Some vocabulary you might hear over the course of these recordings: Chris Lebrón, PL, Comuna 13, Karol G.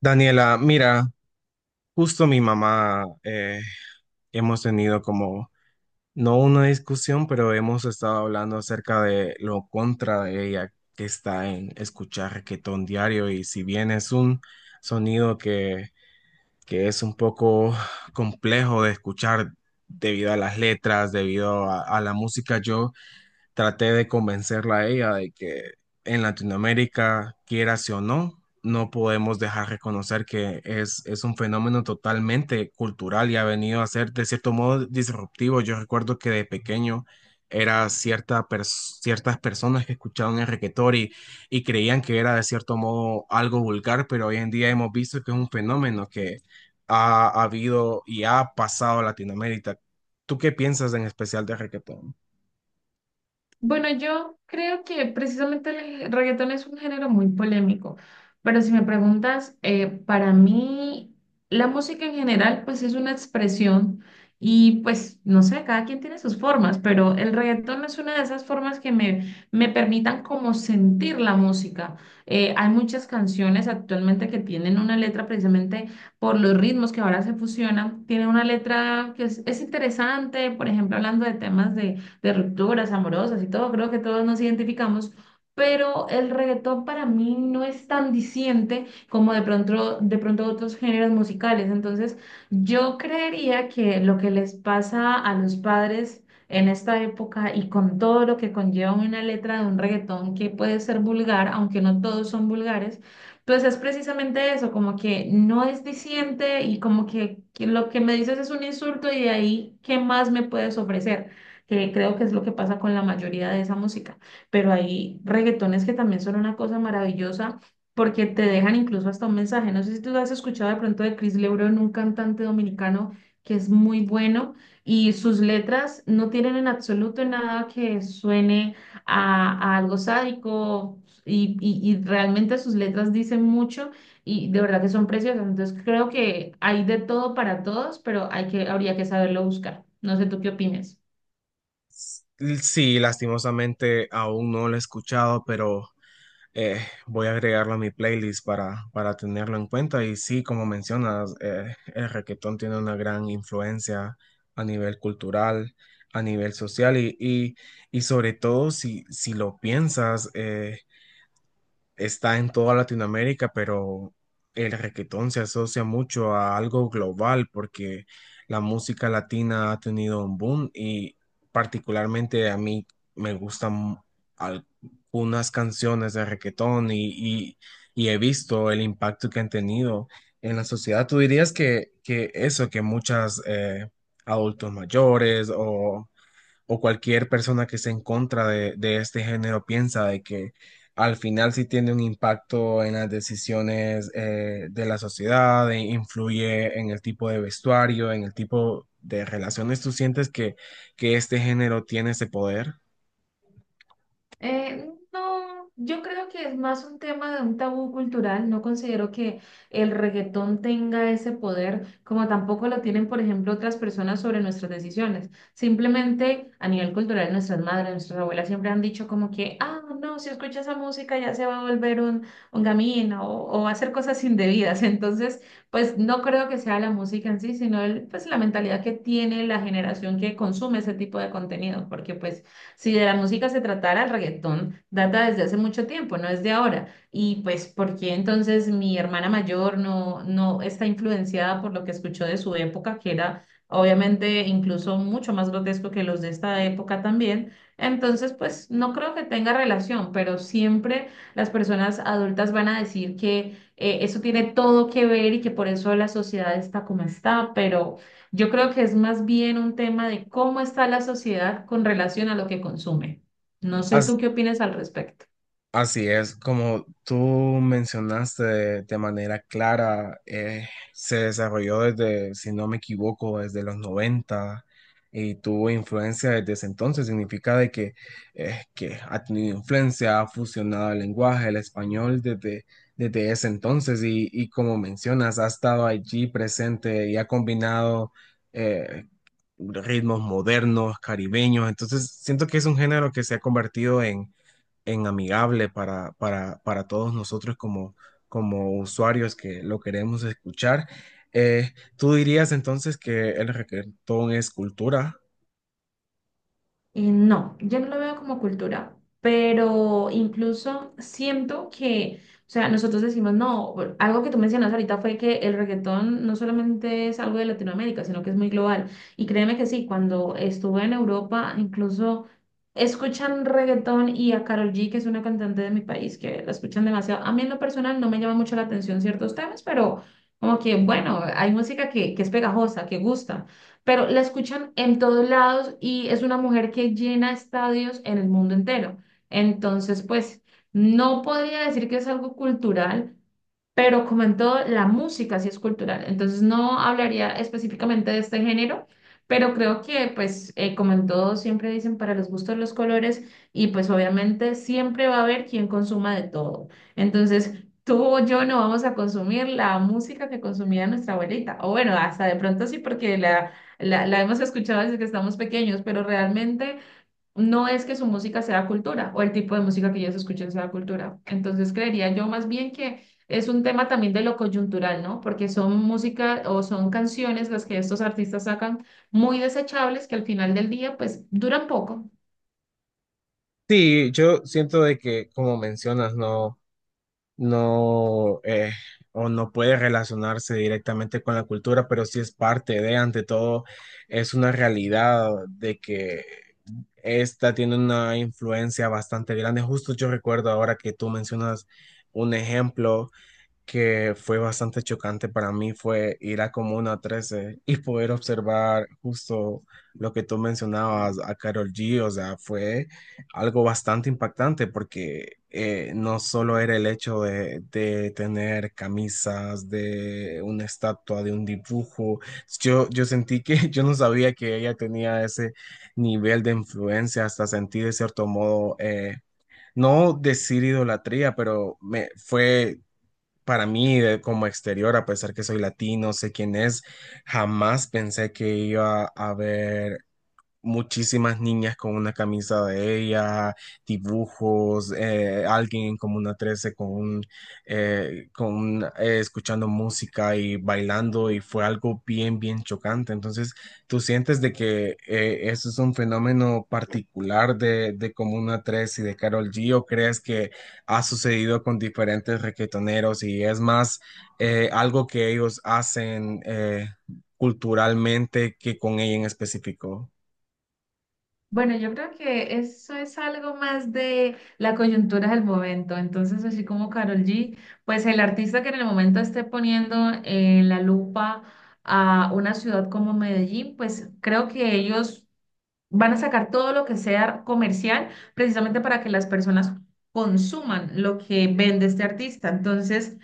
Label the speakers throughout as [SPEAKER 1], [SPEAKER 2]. [SPEAKER 1] Daniela, mira, justo mi mamá, hemos tenido como, no una discusión, pero hemos estado hablando acerca de lo contra de ella que está en escuchar reggaetón diario. Y si bien es un sonido que es un poco complejo de escuchar debido a las letras, debido a la música, yo traté de convencerla a ella de que en Latinoamérica, quieras o no, no podemos dejar de reconocer que es un fenómeno totalmente cultural y ha venido a ser de cierto modo disruptivo. Yo recuerdo que de pequeño era ciertas personas que escuchaban el reggaetón y creían que era de cierto modo algo vulgar, pero hoy en día hemos visto que es un fenómeno que ha habido y ha pasado a Latinoamérica. ¿Tú qué piensas en especial de reggaetón?
[SPEAKER 2] Bueno, yo creo que precisamente el reggaetón es un género muy polémico, pero si me preguntas, para mí la música en general pues es una expresión y pues no sé, cada quien tiene sus formas, pero el reggaetón es una de esas formas que me permitan como sentir la música. Hay muchas canciones actualmente que tienen una letra precisamente por los ritmos que ahora se fusionan, tienen una letra que es interesante, por ejemplo, hablando de temas de rupturas amorosas y todo, creo que todos nos identificamos, pero el reggaetón para mí no es tan diciente como de pronto otros géneros musicales. Entonces, yo creería que lo que les pasa a los padres en esta época y con todo lo que conlleva una letra de un reggaetón que puede ser vulgar, aunque no todos son vulgares, pues es precisamente eso, como que no es diciente y como que lo que me dices es un insulto y de ahí, ¿qué más me puedes ofrecer? Que creo que es lo que pasa con la mayoría de esa música. Pero hay reggaetones que también son una cosa maravillosa porque te dejan incluso hasta un mensaje. No sé si tú has escuchado de pronto de Chris Lebrón, un cantante dominicano que es muy bueno y sus letras no tienen en absoluto nada que suene a algo sádico y realmente sus letras dicen mucho y de verdad que son preciosas. Entonces creo que hay de todo para todos, pero hay que, habría que saberlo buscar. No sé tú qué opinas.
[SPEAKER 1] Sí, lastimosamente aún no lo he escuchado, pero eh, voy a agregarlo a mi playlist para tenerlo en cuenta. Y sí, como mencionas, el reggaetón tiene una gran influencia a nivel cultural, a nivel social y sobre todo si lo piensas, está en toda Latinoamérica, pero el requetón se asocia mucho a algo global porque la música latina ha tenido un boom y particularmente a mí me gustan al- algunas canciones de requetón y- y he visto el impacto que han tenido en la sociedad. ¿Tú dirías que eso, que muchas adultos mayores o cualquier persona que esté en contra de este género piensa de que al final sí tiene un impacto en las decisiones, de la sociedad, e influye en el tipo de vestuario, en el tipo de relaciones? ¿Tú sientes que este género tiene ese poder?
[SPEAKER 2] Eh, no, yo creo que es más un tema de un tabú cultural. No considero que el reggaetón tenga ese poder, como tampoco lo tienen, por ejemplo, otras personas sobre nuestras decisiones. Simplemente a nivel cultural, nuestras madres, nuestras abuelas siempre han dicho como que, ah, no, si escucha esa música ya se va a volver un gamín o va a hacer cosas indebidas. Entonces, pues no creo que sea la música en sí, sino el, pues la mentalidad que tiene la generación que consume ese tipo de contenido, porque pues... Si de la música se tratara, el reggaetón data desde hace mucho tiempo, no es de ahora. Y pues, ¿por qué entonces mi hermana mayor no está influenciada por lo que escuchó de su época, que era obviamente incluso mucho más grotesco que los de esta época también? Entonces, pues no creo que tenga relación, pero siempre las personas adultas van a decir que eso tiene todo que ver y que por eso la sociedad está como está, pero... Yo creo que es más bien un tema de cómo está la sociedad con relación a lo que consume. No sé tú qué opinas al respecto.
[SPEAKER 1] Así es, como tú mencionaste de manera clara, se desarrolló desde, si no me equivoco, desde los 90 y tuvo influencia desde ese entonces. Significa de que ha tenido influencia, ha fusionado el lenguaje, el español desde ese entonces y como mencionas, ha estado allí presente y ha combinado eh, ritmos modernos, caribeños. Entonces, siento que es un género que se ha convertido en amigable para todos nosotros como, como usuarios que lo queremos escuchar. ¿Tú dirías entonces que el reggaetón es cultura?
[SPEAKER 2] No, yo no lo veo como cultura, pero incluso siento que, o sea, nosotros decimos, no, bueno, algo que tú mencionas ahorita fue que el reggaetón no solamente es algo de Latinoamérica, sino que es muy global. Y créeme que sí, cuando estuve en Europa, incluso escuchan reggaetón y a Karol G, que es una cantante de mi país, que la escuchan demasiado. A mí en lo personal no me llama mucho la atención ciertos temas, pero como que, bueno, hay música que es pegajosa, que gusta pero la escuchan en todos lados y es una mujer que llena estadios en el mundo entero. Entonces, pues, no podría decir que es algo cultural, pero como en todo, la música sí es cultural. Entonces, no hablaría específicamente de este género, pero creo que, pues, como en todo, siempre dicen para los gustos los colores y pues obviamente siempre va a haber quien consuma de todo. Entonces, tú o yo no vamos a consumir la música que consumía nuestra abuelita. O bueno, hasta de pronto sí, porque la hemos escuchado desde que estamos pequeños, pero realmente no es que su música sea cultura o el tipo de música que ellos escuchan sea cultura. Entonces creería yo más bien que es un tema también de lo coyuntural, ¿no? Porque son música o son canciones las que estos artistas sacan muy desechables que al final del día pues duran poco.
[SPEAKER 1] Sí, yo siento de que, como mencionas, no, no, o no puede relacionarse directamente con la cultura, pero sí es parte de, ante todo, es una realidad de que esta tiene una influencia bastante grande. Justo yo recuerdo ahora que tú mencionas un ejemplo que fue bastante chocante para mí fue ir a Comuna 13 y poder observar justo lo que tú mencionabas a Karol G. O sea, fue algo bastante impactante porque no solo era el hecho de tener camisas, de una estatua, de un dibujo. Yo sentí que yo no sabía que ella tenía ese nivel de influencia, hasta sentí de cierto modo, no decir idolatría, pero me fue para mí, como exterior, a pesar que soy latino, sé quién es, jamás pensé que iba a haber muchísimas niñas con una camisa de ella, dibujos, alguien en Comuna 13 con un, escuchando música y bailando, y fue algo bien, bien chocante. Entonces, tú sientes de que eso es un fenómeno particular de Comuna 13 y de Karol G, o crees que ha sucedido con diferentes requetoneros y es más algo que ellos hacen culturalmente que con ella en específico.
[SPEAKER 2] Bueno, yo creo que eso es algo más de la coyuntura del momento. Entonces, así como Karol G, pues el artista que en el momento esté poniendo en la lupa a una ciudad como Medellín, pues creo que ellos van a sacar todo lo que sea comercial precisamente para que las personas consuman lo que vende este artista. Entonces,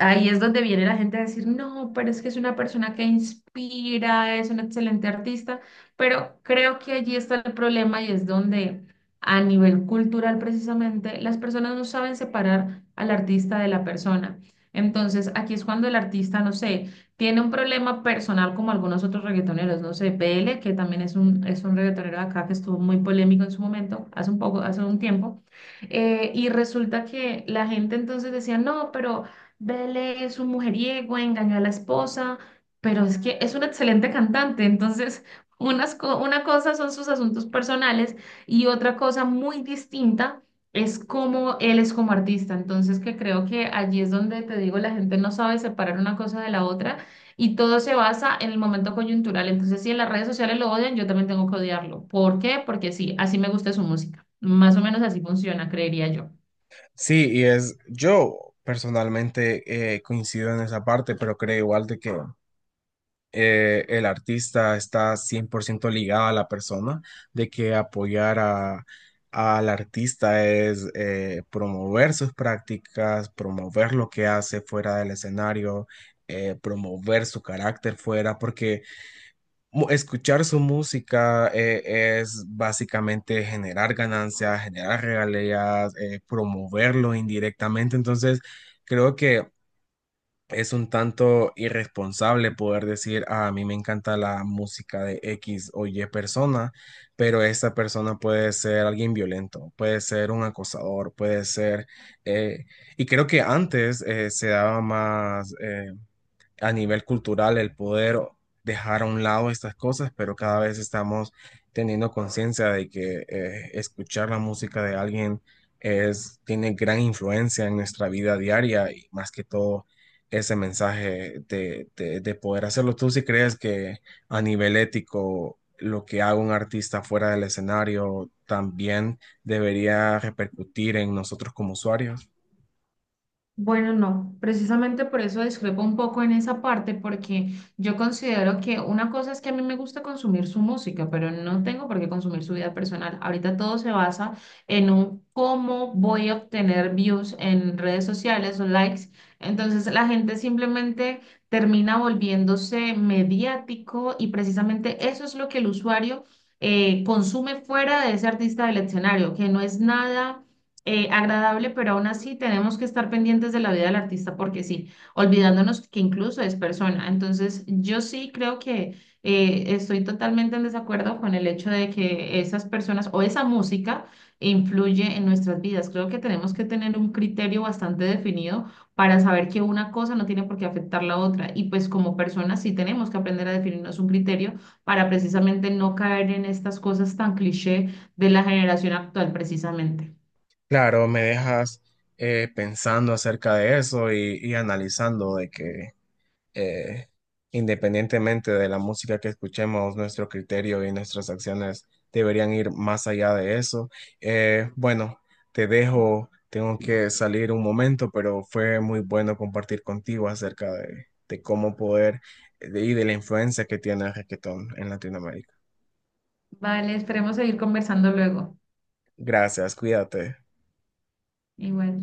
[SPEAKER 2] ahí es donde viene la gente a decir, no, pero es que es una persona que inspira, es un excelente artista, pero creo que allí está el problema y es donde a nivel cultural precisamente las personas no saben separar al artista de la persona. Entonces aquí es cuando el artista, no sé, tiene un problema personal como algunos otros reggaetoneros, no sé, PL, que también es un reggaetonero de acá que estuvo muy polémico en su momento, hace un poco, hace un tiempo, y resulta que la gente entonces decía, no, pero... Bele es un mujeriego, engañó a la esposa, pero es que es un excelente cantante, entonces una cosa son sus asuntos personales y otra cosa muy distinta es cómo él es como artista, entonces que creo que allí es donde te digo, la gente no sabe separar una cosa de la otra y todo se basa en el momento coyuntural, entonces si en las redes sociales lo odian, yo también tengo que odiarlo. ¿Por qué? Porque sí, así me gusta su música, más o menos así funciona, creería yo.
[SPEAKER 1] Sí, y es, yo personalmente coincido en esa parte, pero creo igual de que el artista está 100% ligado a la persona, de que apoyar al artista es promover sus prácticas, promover lo que hace fuera del escenario, promover su carácter fuera, porque escuchar su música es básicamente generar ganancias, generar regalías, promoverlo indirectamente. Entonces, creo que es un tanto irresponsable poder decir: "Ah, a mí me encanta la música de X o Y persona, pero esta persona puede ser alguien violento, puede ser un acosador, puede ser... eh, y creo que antes se daba más, a nivel cultural, el poder dejar a un lado estas cosas, pero cada vez estamos teniendo conciencia de que escuchar la música de alguien es, tiene gran influencia en nuestra vida diaria, y más que todo ese mensaje de poder hacerlo. ¿Tú si crees que a nivel ético lo que haga un artista fuera del escenario también debería repercutir en nosotros como usuarios?
[SPEAKER 2] Bueno, no, precisamente por eso discrepo un poco en esa parte, porque yo considero que una cosa es que a mí me gusta consumir su música, pero no tengo por qué consumir su vida personal. Ahorita todo se basa en un cómo voy a obtener views en redes sociales o likes. Entonces la gente simplemente termina volviéndose mediático y precisamente eso es lo que el usuario consume fuera de ese artista del escenario, que no es nada agradable, pero aún así tenemos que estar pendientes de la vida del artista porque sí, olvidándonos que incluso es persona. Entonces, yo sí creo que estoy totalmente en desacuerdo con el hecho de que esas personas o esa música influye en nuestras vidas. Creo que tenemos que tener un criterio bastante definido para saber que una cosa no tiene por qué afectar la otra. Y pues como personas sí tenemos que aprender a definirnos un criterio para precisamente no caer en estas cosas tan cliché de la generación actual, precisamente.
[SPEAKER 1] Claro, me dejas pensando acerca de eso y analizando de que, eh, independientemente de la música que escuchemos, nuestro criterio y nuestras acciones deberían ir más allá de eso. Bueno, te dejo, tengo que salir un momento, pero fue muy bueno compartir contigo acerca de cómo poder y de la influencia que tiene el reggaetón en Latinoamérica.
[SPEAKER 2] Vale, esperemos seguir conversando luego.
[SPEAKER 1] Gracias, cuídate.
[SPEAKER 2] Igual.